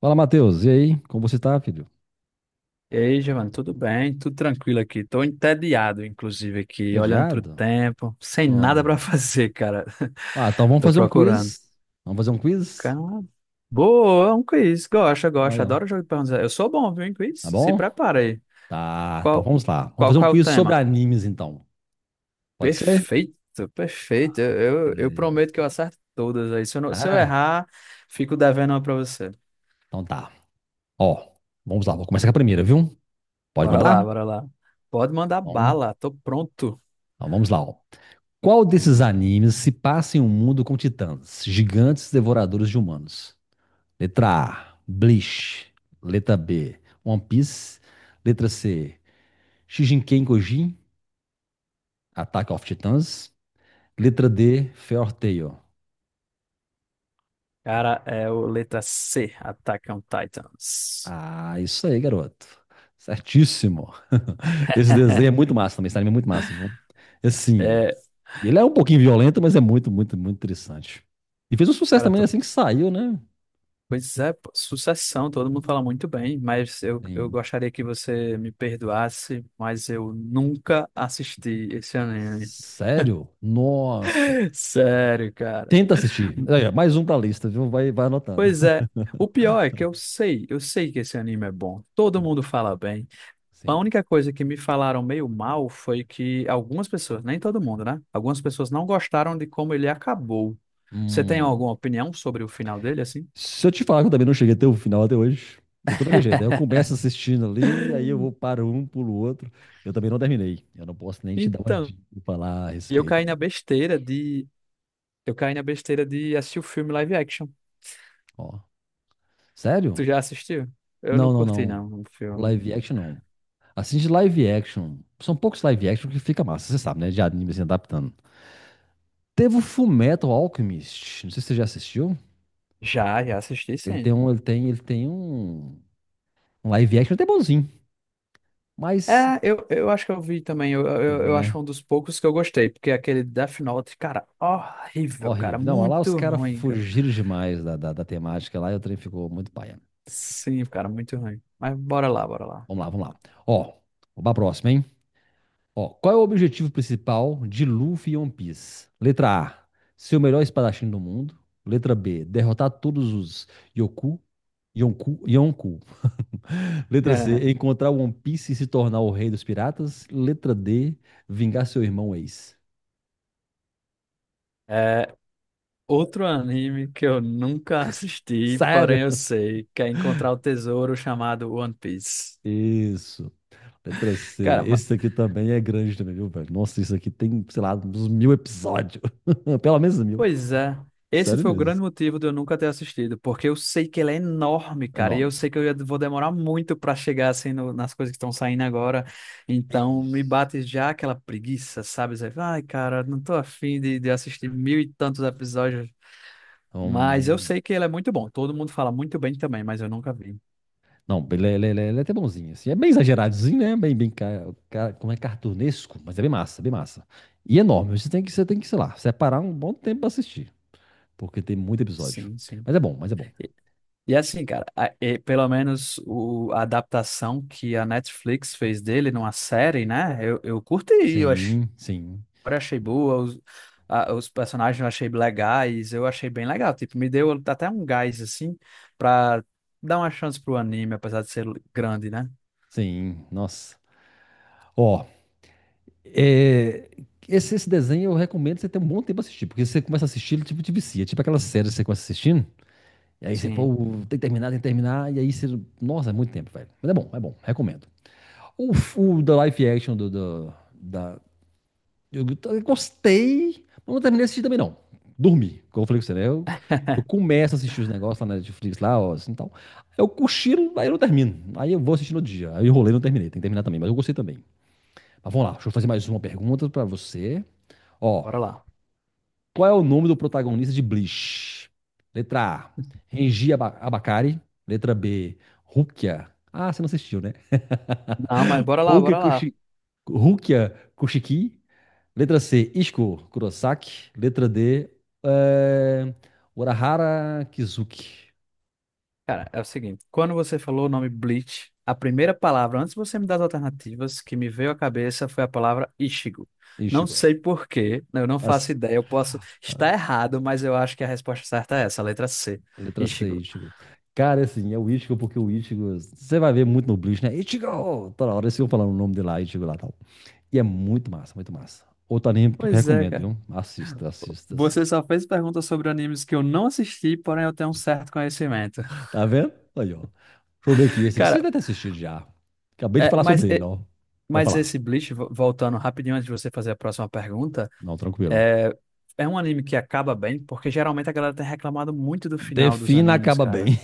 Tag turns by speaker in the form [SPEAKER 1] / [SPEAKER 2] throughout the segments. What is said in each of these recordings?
[SPEAKER 1] Fala, Matheus. E aí? Como você tá, filho?
[SPEAKER 2] E aí, Giovanni, tudo bem? Tudo tranquilo aqui. Tô entediado, inclusive, aqui, olhando pro
[SPEAKER 1] Entediado?
[SPEAKER 2] tempo, sem nada pra
[SPEAKER 1] Não.
[SPEAKER 2] fazer, cara.
[SPEAKER 1] Ah, então vamos
[SPEAKER 2] Tô
[SPEAKER 1] fazer um
[SPEAKER 2] procurando.
[SPEAKER 1] quiz. Vamos fazer um quiz?
[SPEAKER 2] Cara, boa, é um quiz. Gosto.
[SPEAKER 1] Aí, ó.
[SPEAKER 2] Adoro jogo de perguntas. Eu sou bom, viu, em
[SPEAKER 1] Tá
[SPEAKER 2] quiz? Se
[SPEAKER 1] bom?
[SPEAKER 2] prepara aí.
[SPEAKER 1] Tá, então
[SPEAKER 2] Qual,
[SPEAKER 1] vamos lá. Vamos
[SPEAKER 2] qual,
[SPEAKER 1] fazer um
[SPEAKER 2] qual é o
[SPEAKER 1] quiz sobre
[SPEAKER 2] tema?
[SPEAKER 1] animes, então. Pode ser?
[SPEAKER 2] Perfeito. Eu
[SPEAKER 1] Beleza.
[SPEAKER 2] prometo que eu acerto todas aí. Se eu
[SPEAKER 1] Ah,
[SPEAKER 2] errar, fico devendo uma pra você.
[SPEAKER 1] então tá. Ó, vamos lá. Vou começar com a primeira, viu? Pode
[SPEAKER 2] Bora
[SPEAKER 1] mandar?
[SPEAKER 2] lá, bora lá. Pode mandar
[SPEAKER 1] Então,
[SPEAKER 2] bala, tô pronto.
[SPEAKER 1] então vamos lá, ó. Qual desses animes se passa em um mundo com titãs, gigantes devoradores de humanos? Letra A, Bleach. Letra B, One Piece. Letra C, Shijinken Gojin, Attack of Titans. Letra D, Fair Tail.
[SPEAKER 2] Cara, é o letra C, Attack on Titans.
[SPEAKER 1] Ah, isso aí, garoto. Certíssimo. Esse desenho é muito massa também, esse anime é muito massa, viu? Assim,
[SPEAKER 2] É,
[SPEAKER 1] ele é um pouquinho violento, mas é muito, muito, muito interessante. E fez um sucesso
[SPEAKER 2] cara,
[SPEAKER 1] também assim que saiu, né?
[SPEAKER 2] pois é, pô, sucessão, todo mundo fala muito bem, mas eu
[SPEAKER 1] Sim.
[SPEAKER 2] gostaria que você me perdoasse, mas eu nunca assisti esse anime.
[SPEAKER 1] Sério? Nossa.
[SPEAKER 2] Sério, cara.
[SPEAKER 1] Tenta assistir. Aí, ó, mais um pra lista, viu? Vai anotando.
[SPEAKER 2] Pois é, o pior é que eu sei que esse anime é bom,
[SPEAKER 1] Tá
[SPEAKER 2] todo
[SPEAKER 1] bom.
[SPEAKER 2] mundo fala bem. A
[SPEAKER 1] Sim.
[SPEAKER 2] única coisa que me falaram meio mal foi que algumas pessoas, nem todo mundo, né? Algumas pessoas não gostaram de como ele acabou. Você tem
[SPEAKER 1] Hum.
[SPEAKER 2] alguma opinião sobre o final dele, assim?
[SPEAKER 1] Se eu te falar que eu também não cheguei até o final até hoje, eu tô daquele jeito. Aí eu começo assistindo ali, aí eu vou para um, pulo o outro. Eu também não terminei. Eu não posso nem te dar uma
[SPEAKER 2] Então,
[SPEAKER 1] dica e falar a
[SPEAKER 2] eu
[SPEAKER 1] respeito,
[SPEAKER 2] caí
[SPEAKER 1] hein.
[SPEAKER 2] na besteira de. Eu caí na besteira de assistir o filme live action.
[SPEAKER 1] Ó,
[SPEAKER 2] Tu
[SPEAKER 1] sério?
[SPEAKER 2] já assistiu? Eu não
[SPEAKER 1] Não, não,
[SPEAKER 2] curti,
[SPEAKER 1] não.
[SPEAKER 2] não, o filme.
[SPEAKER 1] Live action não. Assiste live action. São poucos live action que fica massa, você sabe, né? De anime se adaptando. Teve o Fullmetal Alchemist. Não sei se você já assistiu.
[SPEAKER 2] Já assisti, sim.
[SPEAKER 1] Ele tem um live action até bonzinho, mas
[SPEAKER 2] É, eu acho que eu vi também. Eu,
[SPEAKER 1] você
[SPEAKER 2] eu,
[SPEAKER 1] viu,
[SPEAKER 2] eu acho
[SPEAKER 1] né?
[SPEAKER 2] um dos poucos que eu gostei, porque aquele Death Note, cara, horrível, cara,
[SPEAKER 1] Horrível. Não, lá os
[SPEAKER 2] muito
[SPEAKER 1] caras
[SPEAKER 2] ruim, cara.
[SPEAKER 1] fugiram demais da temática lá e o trem ficou muito paia.
[SPEAKER 2] Sim, cara, muito ruim. Mas bora lá.
[SPEAKER 1] Vamos lá, vamos lá. Ó, vamos pra próxima, hein? Ó, qual é o objetivo principal de Luffy e One Piece? Letra A, ser o melhor espadachim do mundo. Letra B, derrotar todos os Yoku. Yonku, Yonku. Letra C, encontrar o One Piece e se tornar o rei dos piratas. Letra D, vingar seu irmão ex.
[SPEAKER 2] É, outro anime que eu nunca assisti, porém eu
[SPEAKER 1] Sério?
[SPEAKER 2] sei, que é encontrar o tesouro chamado One Piece.
[SPEAKER 1] Isso. Letra C.
[SPEAKER 2] Cara,
[SPEAKER 1] Esse aqui também é grande também, viu, velho? Nossa, isso aqui tem, sei lá, uns mil episódios. Pelo menos mil.
[SPEAKER 2] pois é. Esse
[SPEAKER 1] Sério
[SPEAKER 2] foi o
[SPEAKER 1] mesmo.
[SPEAKER 2] grande motivo de eu nunca ter assistido, porque eu sei que ele é enorme,
[SPEAKER 1] É
[SPEAKER 2] cara, e eu
[SPEAKER 1] enorme.
[SPEAKER 2] sei que eu vou demorar muito pra chegar assim nas coisas que estão saindo agora. Então me
[SPEAKER 1] Isso.
[SPEAKER 2] bate já aquela preguiça, sabe? Zé? Ai, cara, não tô afim de assistir mil e tantos episódios. Mas
[SPEAKER 1] Então,
[SPEAKER 2] eu sei que ele é muito bom. Todo mundo fala muito bem também, mas eu nunca vi.
[SPEAKER 1] não, ele é até bonzinho, assim. É bem exageradozinho, né? Bem, bem, como é cartunesco, mas é bem massa, bem massa. E é enorme. Você tem que, sei lá, separar um bom tempo pra assistir, porque tem muito episódio.
[SPEAKER 2] Sim.
[SPEAKER 1] Mas é bom, mas é bom.
[SPEAKER 2] E, e assim, cara, e pelo menos a adaptação que a Netflix fez dele numa série, né? Eu curti, eu achei,
[SPEAKER 1] Sim, sim,
[SPEAKER 2] eu achei boa, os personagens eu achei legais, eu achei bem legal. Tipo, me deu até um gás, assim, pra dar uma chance pro anime, apesar de ser grande, né?
[SPEAKER 1] sim. Nossa. Ó, é, esse desenho eu recomendo você ter um bom tempo assistir porque você começa a assistir, ele tipo te vicia. Tipo aquela série que você começa assistindo, e aí você, pô,
[SPEAKER 2] Sim,
[SPEAKER 1] tem que terminar, e aí você. Nossa, é muito tempo, velho. Mas é bom, recomendo. O, o da live action da. Eu gostei, mas não terminei de assistir também, não. Dormi, como eu falei com você, né? Eu começo a assistir os negócios lá na Netflix, lá, ó, assim, tal. Eu cochilo, aí eu não termino. Aí eu vou assistir no outro dia. Aí eu enrolei, não terminei. Tem que terminar também, mas eu gostei também. Mas vamos lá, deixa eu fazer mais uma pergunta pra você. Ó,
[SPEAKER 2] bora lá.
[SPEAKER 1] qual é o nome do protagonista de Bleach? Letra A, Renji Abakari. Letra B, Rukia. Ah, você não assistiu, né?
[SPEAKER 2] Não, mas bora lá,
[SPEAKER 1] Rukia,
[SPEAKER 2] bora lá.
[SPEAKER 1] Kushi... Rukia Kushiki. Letra C, Ishiko Kurosaki. Letra D, é... Urahara Kizuki.
[SPEAKER 2] Cara, é o seguinte, quando você falou o nome Bleach, a primeira palavra, antes de você me dar as alternativas, que me veio à cabeça foi a palavra Ichigo. Não
[SPEAKER 1] Ichigo.
[SPEAKER 2] sei por quê, eu não faço
[SPEAKER 1] As-
[SPEAKER 2] ideia, eu posso estar errado, mas eu acho que a resposta certa é essa, a letra C,
[SPEAKER 1] Letra C,
[SPEAKER 2] Ichigo.
[SPEAKER 1] Ichigo. Cara, assim, é o Ichigo porque o Ichigo... Você vai ver muito no Bleach, né? Ichigo! Toda hora eles ficam falando o nome dele lá, Ichigo lá, tal. E é muito massa, muito massa. Outro anime que eu
[SPEAKER 2] Pois é,
[SPEAKER 1] recomendo,
[SPEAKER 2] cara.
[SPEAKER 1] viu? Assista, assista,
[SPEAKER 2] Você
[SPEAKER 1] assista.
[SPEAKER 2] só fez perguntas sobre animes que eu não assisti, porém eu tenho um certo conhecimento.
[SPEAKER 1] Tá vendo? Aí, ó. Deixa eu ver aqui. Esse aqui você
[SPEAKER 2] Cara,
[SPEAKER 1] deve ter assistido já. Acabei de
[SPEAKER 2] é,
[SPEAKER 1] falar
[SPEAKER 2] mas,
[SPEAKER 1] sobre ele,
[SPEAKER 2] é,
[SPEAKER 1] ó. Pode
[SPEAKER 2] mas
[SPEAKER 1] falar.
[SPEAKER 2] esse Bleach, voltando rapidinho antes de você fazer a próxima pergunta,
[SPEAKER 1] Não, tranquilo.
[SPEAKER 2] é, é um anime que acaba bem, porque geralmente a galera tem reclamado muito do final dos
[SPEAKER 1] Defina
[SPEAKER 2] animes,
[SPEAKER 1] acaba
[SPEAKER 2] cara.
[SPEAKER 1] bem.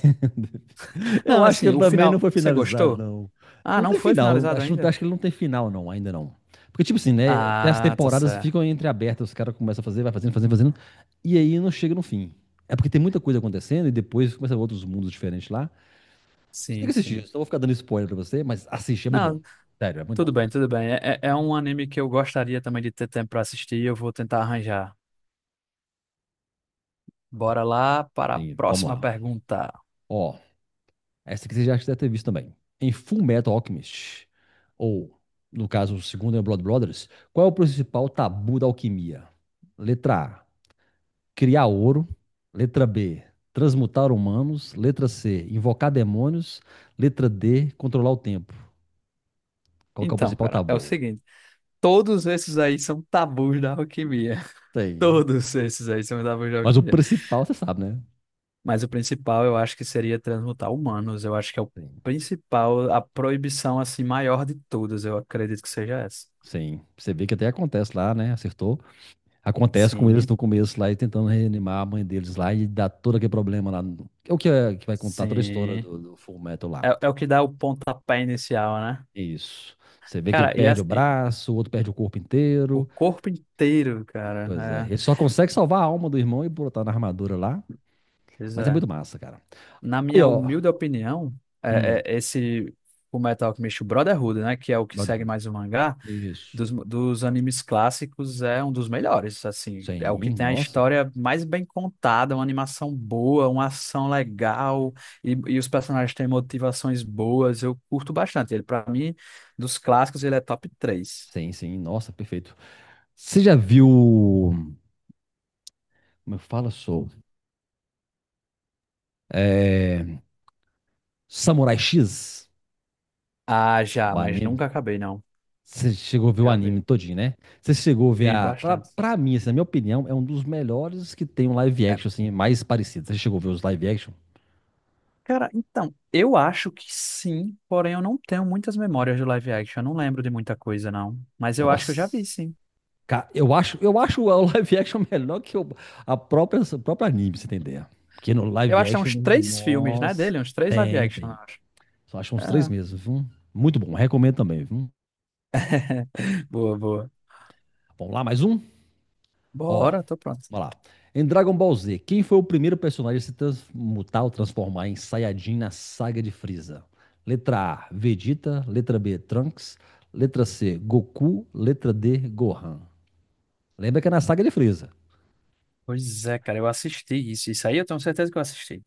[SPEAKER 1] Eu
[SPEAKER 2] Não,
[SPEAKER 1] acho que
[SPEAKER 2] assim,
[SPEAKER 1] ele
[SPEAKER 2] o
[SPEAKER 1] também não
[SPEAKER 2] final,
[SPEAKER 1] foi
[SPEAKER 2] você
[SPEAKER 1] finalizado,
[SPEAKER 2] gostou?
[SPEAKER 1] não.
[SPEAKER 2] Ah,
[SPEAKER 1] Não
[SPEAKER 2] não
[SPEAKER 1] tem
[SPEAKER 2] foi
[SPEAKER 1] final.
[SPEAKER 2] finalizado
[SPEAKER 1] Acho,
[SPEAKER 2] ainda?
[SPEAKER 1] acho que ele não tem final, não, ainda não. Porque, tipo assim, né? Tem as
[SPEAKER 2] Ah, tá
[SPEAKER 1] temporadas que ficam
[SPEAKER 2] certo.
[SPEAKER 1] entreabertas, os caras começam a fazer, vai fazendo, fazendo, fazendo, e aí não chega no fim. É porque tem muita coisa acontecendo e depois começa outros mundos diferentes lá. Você tem que
[SPEAKER 2] Sim,
[SPEAKER 1] assistir. Eu
[SPEAKER 2] sim.
[SPEAKER 1] só vou ficar dando spoiler pra você, mas assiste, é muito bom.
[SPEAKER 2] Não,
[SPEAKER 1] Sério, é muito
[SPEAKER 2] tudo
[SPEAKER 1] bom.
[SPEAKER 2] bem, tudo bem. É é um anime que eu gostaria também de ter tempo pra assistir e eu vou tentar arranjar. Bora lá para a
[SPEAKER 1] E vamos
[SPEAKER 2] próxima
[SPEAKER 1] lá.
[SPEAKER 2] pergunta.
[SPEAKER 1] Ó, essa aqui você já deve ter visto também. Em Full Metal Alchemist, ou, no caso, o segundo é Blood Brothers, qual é o principal tabu da alquimia? Letra A, criar ouro. Letra B, transmutar humanos. Letra C, invocar demônios. Letra D, controlar o tempo. Qual que é o
[SPEAKER 2] Então,
[SPEAKER 1] principal
[SPEAKER 2] cara, é o
[SPEAKER 1] tabu?
[SPEAKER 2] seguinte: todos esses aí são tabus da alquimia.
[SPEAKER 1] Tem.
[SPEAKER 2] Todos esses aí são tabus da
[SPEAKER 1] Mas o
[SPEAKER 2] alquimia.
[SPEAKER 1] principal você sabe, né?
[SPEAKER 2] Mas o principal eu acho que seria transmutar humanos. Eu acho que é o
[SPEAKER 1] Tem.
[SPEAKER 2] principal, a proibição assim maior de todas. Eu acredito que seja essa.
[SPEAKER 1] Sim. Você vê que até acontece lá, né? Acertou. Acontece com eles
[SPEAKER 2] Sim,
[SPEAKER 1] no começo lá e tentando reanimar a mãe deles lá e dá todo aquele problema lá. É o que, que vai contar toda a história
[SPEAKER 2] sim.
[SPEAKER 1] do Full Metal lá.
[SPEAKER 2] É o que dá o pontapé inicial, né?
[SPEAKER 1] Isso. Você vê que ele
[SPEAKER 2] Cara, e,
[SPEAKER 1] perde o
[SPEAKER 2] as- e
[SPEAKER 1] braço, o outro perde o corpo
[SPEAKER 2] o
[SPEAKER 1] inteiro.
[SPEAKER 2] corpo inteiro,
[SPEAKER 1] Pois é.
[SPEAKER 2] cara.
[SPEAKER 1] Ele
[SPEAKER 2] É,
[SPEAKER 1] só consegue salvar a alma do irmão e botar na armadura lá.
[SPEAKER 2] pois
[SPEAKER 1] Mas é
[SPEAKER 2] é.
[SPEAKER 1] muito massa, cara.
[SPEAKER 2] Na
[SPEAKER 1] Aí,
[SPEAKER 2] minha
[SPEAKER 1] ó.
[SPEAKER 2] humilde opinião, é,
[SPEAKER 1] Hum,
[SPEAKER 2] é esse o Metal Alchemist Brotherhood, né? Que é o que segue
[SPEAKER 1] Brotherhood.
[SPEAKER 2] mais o mangá.
[SPEAKER 1] Isso.
[SPEAKER 2] Dos animes clássicos é um dos melhores, assim, é o que
[SPEAKER 1] Sim,
[SPEAKER 2] tem a
[SPEAKER 1] nossa.
[SPEAKER 2] história mais bem contada, uma animação boa, uma ação legal e os personagens têm motivações boas, eu curto bastante. Ele para mim, dos clássicos, ele é top três.
[SPEAKER 1] Sim, sim, nossa, perfeito. Você já viu. Como eu falo, sou? É, Samurai X?
[SPEAKER 2] Ah, já,
[SPEAKER 1] O
[SPEAKER 2] mas
[SPEAKER 1] anime?
[SPEAKER 2] nunca acabei não.
[SPEAKER 1] Você chegou a ver o
[SPEAKER 2] Já
[SPEAKER 1] anime
[SPEAKER 2] vi,
[SPEAKER 1] todinho, né? Você chegou a ver
[SPEAKER 2] vi
[SPEAKER 1] a. Pra,
[SPEAKER 2] bastante.
[SPEAKER 1] pra mim, assim, na minha opinião, é um dos melhores que tem um live
[SPEAKER 2] É.
[SPEAKER 1] action, assim, mais parecido. Você chegou a ver os live action?
[SPEAKER 2] Cara, então, eu acho que sim, porém eu não tenho muitas memórias de live action, eu não lembro de muita coisa não, mas eu acho que eu já vi
[SPEAKER 1] Nossa.
[SPEAKER 2] sim.
[SPEAKER 1] Eu acho o live action melhor que o, a própria, o próprio anime, pra você entender. Porque no
[SPEAKER 2] Eu
[SPEAKER 1] live
[SPEAKER 2] acho que tem
[SPEAKER 1] action,
[SPEAKER 2] uns três filmes, né,
[SPEAKER 1] nossa,
[SPEAKER 2] dele, uns três live
[SPEAKER 1] tem,
[SPEAKER 2] action. Eu
[SPEAKER 1] tem.
[SPEAKER 2] acho.
[SPEAKER 1] Só acho uns três
[SPEAKER 2] Ah.
[SPEAKER 1] meses, viu? Muito bom, recomendo também, viu?
[SPEAKER 2] Boa.
[SPEAKER 1] Vamos lá, mais um? Ó,
[SPEAKER 2] Bora, tô pronto.
[SPEAKER 1] vamos lá. Em Dragon Ball Z, quem foi o primeiro personagem a se transmutar ou transformar em Saiyajin na saga de Frieza? Letra A, Vegeta. Letra B, Trunks. Letra C, Goku. Letra D, Gohan. Lembra que é na saga de Frieza.
[SPEAKER 2] Pois é, cara, eu assisti isso. Isso aí eu tenho certeza que eu assisti.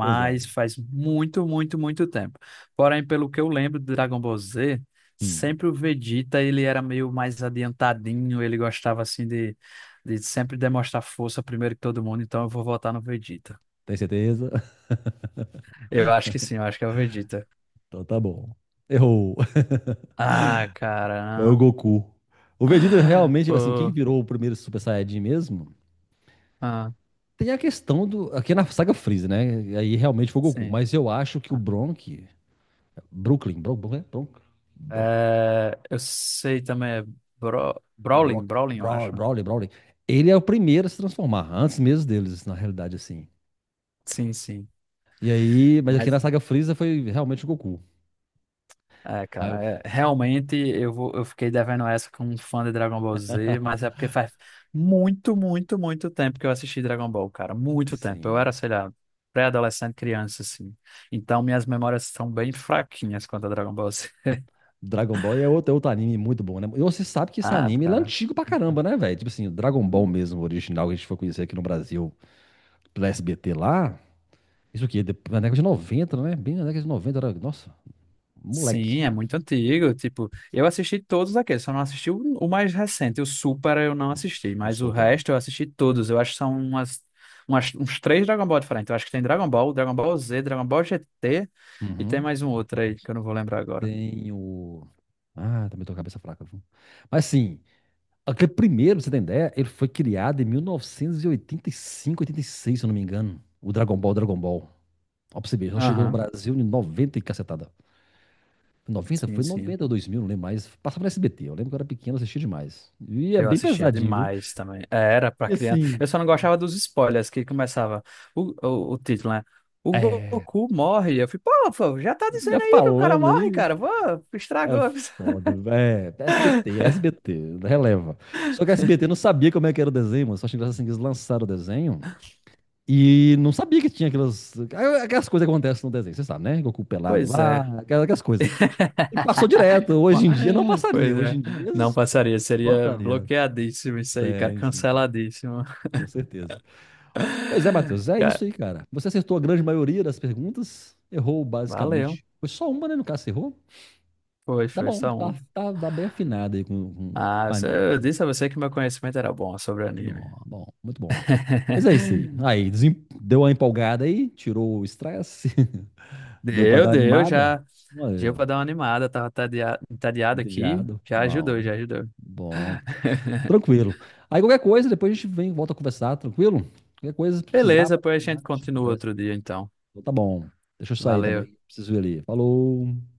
[SPEAKER 1] Pois é.
[SPEAKER 2] faz muito tempo. Porém, pelo que eu lembro do Dragon Ball Z,
[SPEAKER 1] Hum,
[SPEAKER 2] sempre o Vegeta, ele era meio mais adiantadinho, ele gostava assim de sempre demonstrar força primeiro que todo mundo, então eu vou votar no Vegeta.
[SPEAKER 1] tem certeza?
[SPEAKER 2] Eu acho que sim, eu acho que é o Vegeta.
[SPEAKER 1] Então tá bom. Errou.
[SPEAKER 2] Ah,
[SPEAKER 1] Foi o
[SPEAKER 2] cara.
[SPEAKER 1] Goku. O Vegeta
[SPEAKER 2] Ah.
[SPEAKER 1] realmente, assim, quem
[SPEAKER 2] Pô,
[SPEAKER 1] virou o primeiro Super Saiyajin mesmo?
[SPEAKER 2] ah,
[SPEAKER 1] Tem a questão do. Aqui é na saga Freeza, né? Aí realmente foi o Goku.
[SPEAKER 2] sim.
[SPEAKER 1] Mas eu acho que o
[SPEAKER 2] Ah.
[SPEAKER 1] Bronk. Brooklyn. Bron, Bron, Bron, Bron,
[SPEAKER 2] É, eu sei também, é Brawling,
[SPEAKER 1] Brock,
[SPEAKER 2] Brawling, eu
[SPEAKER 1] Brawley,
[SPEAKER 2] acho.
[SPEAKER 1] Brawley, Brawley. Ele é o primeiro a se transformar, antes mesmo deles, na realidade, assim.
[SPEAKER 2] Sim.
[SPEAKER 1] E aí, mas aqui na
[SPEAKER 2] Mas,
[SPEAKER 1] saga Freeza foi realmente o Goku.
[SPEAKER 2] é,
[SPEAKER 1] Aí eu-
[SPEAKER 2] cara, é, realmente eu fiquei devendo essa com um fã de Dragon Ball Z, mas é porque faz muito tempo que eu assisti Dragon Ball, cara. Muito tempo. Eu
[SPEAKER 1] sim.
[SPEAKER 2] era, sei lá, pré-adolescente, criança, assim. Então minhas memórias são bem fraquinhas quanto a Dragon Ball Z.
[SPEAKER 1] Dragon Ball é outro anime muito bom, né? E você sabe que esse
[SPEAKER 2] Ah,
[SPEAKER 1] anime ele é
[SPEAKER 2] cara.
[SPEAKER 1] antigo pra caramba, né, velho? Tipo assim, o Dragon Ball mesmo, o original, que a gente foi conhecer aqui no Brasil, pela SBT lá. Isso aqui, na década de 90, né? Bem na década de 90, era, nossa,
[SPEAKER 2] Sim,
[SPEAKER 1] moleque.
[SPEAKER 2] é muito antigo. Tipo, eu assisti todos aqueles, só não assisti o mais recente, o Super eu não
[SPEAKER 1] O, s-
[SPEAKER 2] assisti,
[SPEAKER 1] o
[SPEAKER 2] mas o
[SPEAKER 1] Super.
[SPEAKER 2] resto eu assisti todos. Eu acho que são uns três Dragon Ball diferentes. Eu acho que tem Dragon Ball, Dragon Ball Z, Dragon Ball GT e tem
[SPEAKER 1] Uhum.
[SPEAKER 2] mais um outro aí que eu não vou lembrar agora.
[SPEAKER 1] Tem o. Ah, também tô com a cabeça fraca, viu? Mas sim, aquele primeiro, pra você ter ideia, ele foi criado em 1985, 86, se eu não me engano. O Dragon Ball, Dragon Ball. Ó, pra você ver, só chegou no
[SPEAKER 2] Aham.
[SPEAKER 1] Brasil em 90 e cacetada. 90?
[SPEAKER 2] Sim,
[SPEAKER 1] Foi
[SPEAKER 2] sim.
[SPEAKER 1] 90 ou 2000, não lembro mais. Passava no SBT, eu lembro que eu era pequeno, assistia demais. E é
[SPEAKER 2] Eu
[SPEAKER 1] bem
[SPEAKER 2] assistia
[SPEAKER 1] pesadinho, viu?
[SPEAKER 2] demais também. É, era pra
[SPEAKER 1] E
[SPEAKER 2] criança.
[SPEAKER 1] assim,
[SPEAKER 2] Eu só não gostava dos spoilers que começava o título, né? O
[SPEAKER 1] é,
[SPEAKER 2] Goku morre. Eu fui, pô, já tá
[SPEAKER 1] já
[SPEAKER 2] dizendo aí que o cara
[SPEAKER 1] falando
[SPEAKER 2] morre,
[SPEAKER 1] aí,
[SPEAKER 2] cara. Pô,
[SPEAKER 1] é
[SPEAKER 2] estragou.
[SPEAKER 1] foda, é, SBT, SBT, releva. Só que a SBT não sabia como é que era o desenho, mano. Só achei engraçado assim que eles lançaram o desenho. E não sabia que tinha aquelas coisas que acontecem no desenho, você sabe, né? Goku pelado
[SPEAKER 2] Pois é.
[SPEAKER 1] lá, aquelas coisas. E passou direto. Hoje em dia não passaria.
[SPEAKER 2] Pois
[SPEAKER 1] Hoje
[SPEAKER 2] é.
[SPEAKER 1] em dia
[SPEAKER 2] Não passaria. Seria
[SPEAKER 1] cortaria.
[SPEAKER 2] bloqueadíssimo isso aí, cara.
[SPEAKER 1] Sim, sim, sim,
[SPEAKER 2] Canceladíssimo.
[SPEAKER 1] com certeza. Pois é, Matheus, é
[SPEAKER 2] Cara,
[SPEAKER 1] isso aí, cara. Você acertou a grande maioria das perguntas, errou
[SPEAKER 2] valeu.
[SPEAKER 1] basicamente. Foi só uma, né? No caso, você errou.
[SPEAKER 2] Foi,
[SPEAKER 1] Tá
[SPEAKER 2] foi
[SPEAKER 1] bom,
[SPEAKER 2] só
[SPEAKER 1] tá,
[SPEAKER 2] um.
[SPEAKER 1] tá, tá bem afinado aí com,
[SPEAKER 2] Ah, eu
[SPEAKER 1] animes, aí.
[SPEAKER 2] disse a você que meu conhecimento era bom sobre anime.
[SPEAKER 1] Bom, bom, muito bom. Mas é isso aí. Aí, deu uma empolgada aí, tirou o estresse. Deu para
[SPEAKER 2] Deu,
[SPEAKER 1] dar
[SPEAKER 2] deu,
[SPEAKER 1] animada?
[SPEAKER 2] já. Deu
[SPEAKER 1] Olha,
[SPEAKER 2] pra dar uma animada. Tava entediado aqui.
[SPEAKER 1] entediado.
[SPEAKER 2] Já ajudou,
[SPEAKER 1] Bom,
[SPEAKER 2] já ajudou.
[SPEAKER 1] bom, tranquilo. Aí qualquer coisa, depois a gente vem e volta a conversar, tranquilo? Qualquer coisa, se precisar,
[SPEAKER 2] Beleza,
[SPEAKER 1] pode
[SPEAKER 2] pois a
[SPEAKER 1] chamar, a
[SPEAKER 2] gente
[SPEAKER 1] gente
[SPEAKER 2] continua
[SPEAKER 1] conversa.
[SPEAKER 2] outro dia, então.
[SPEAKER 1] Então, tá bom. Deixa eu sair
[SPEAKER 2] Valeu.
[SPEAKER 1] também, preciso ir ali. Falou.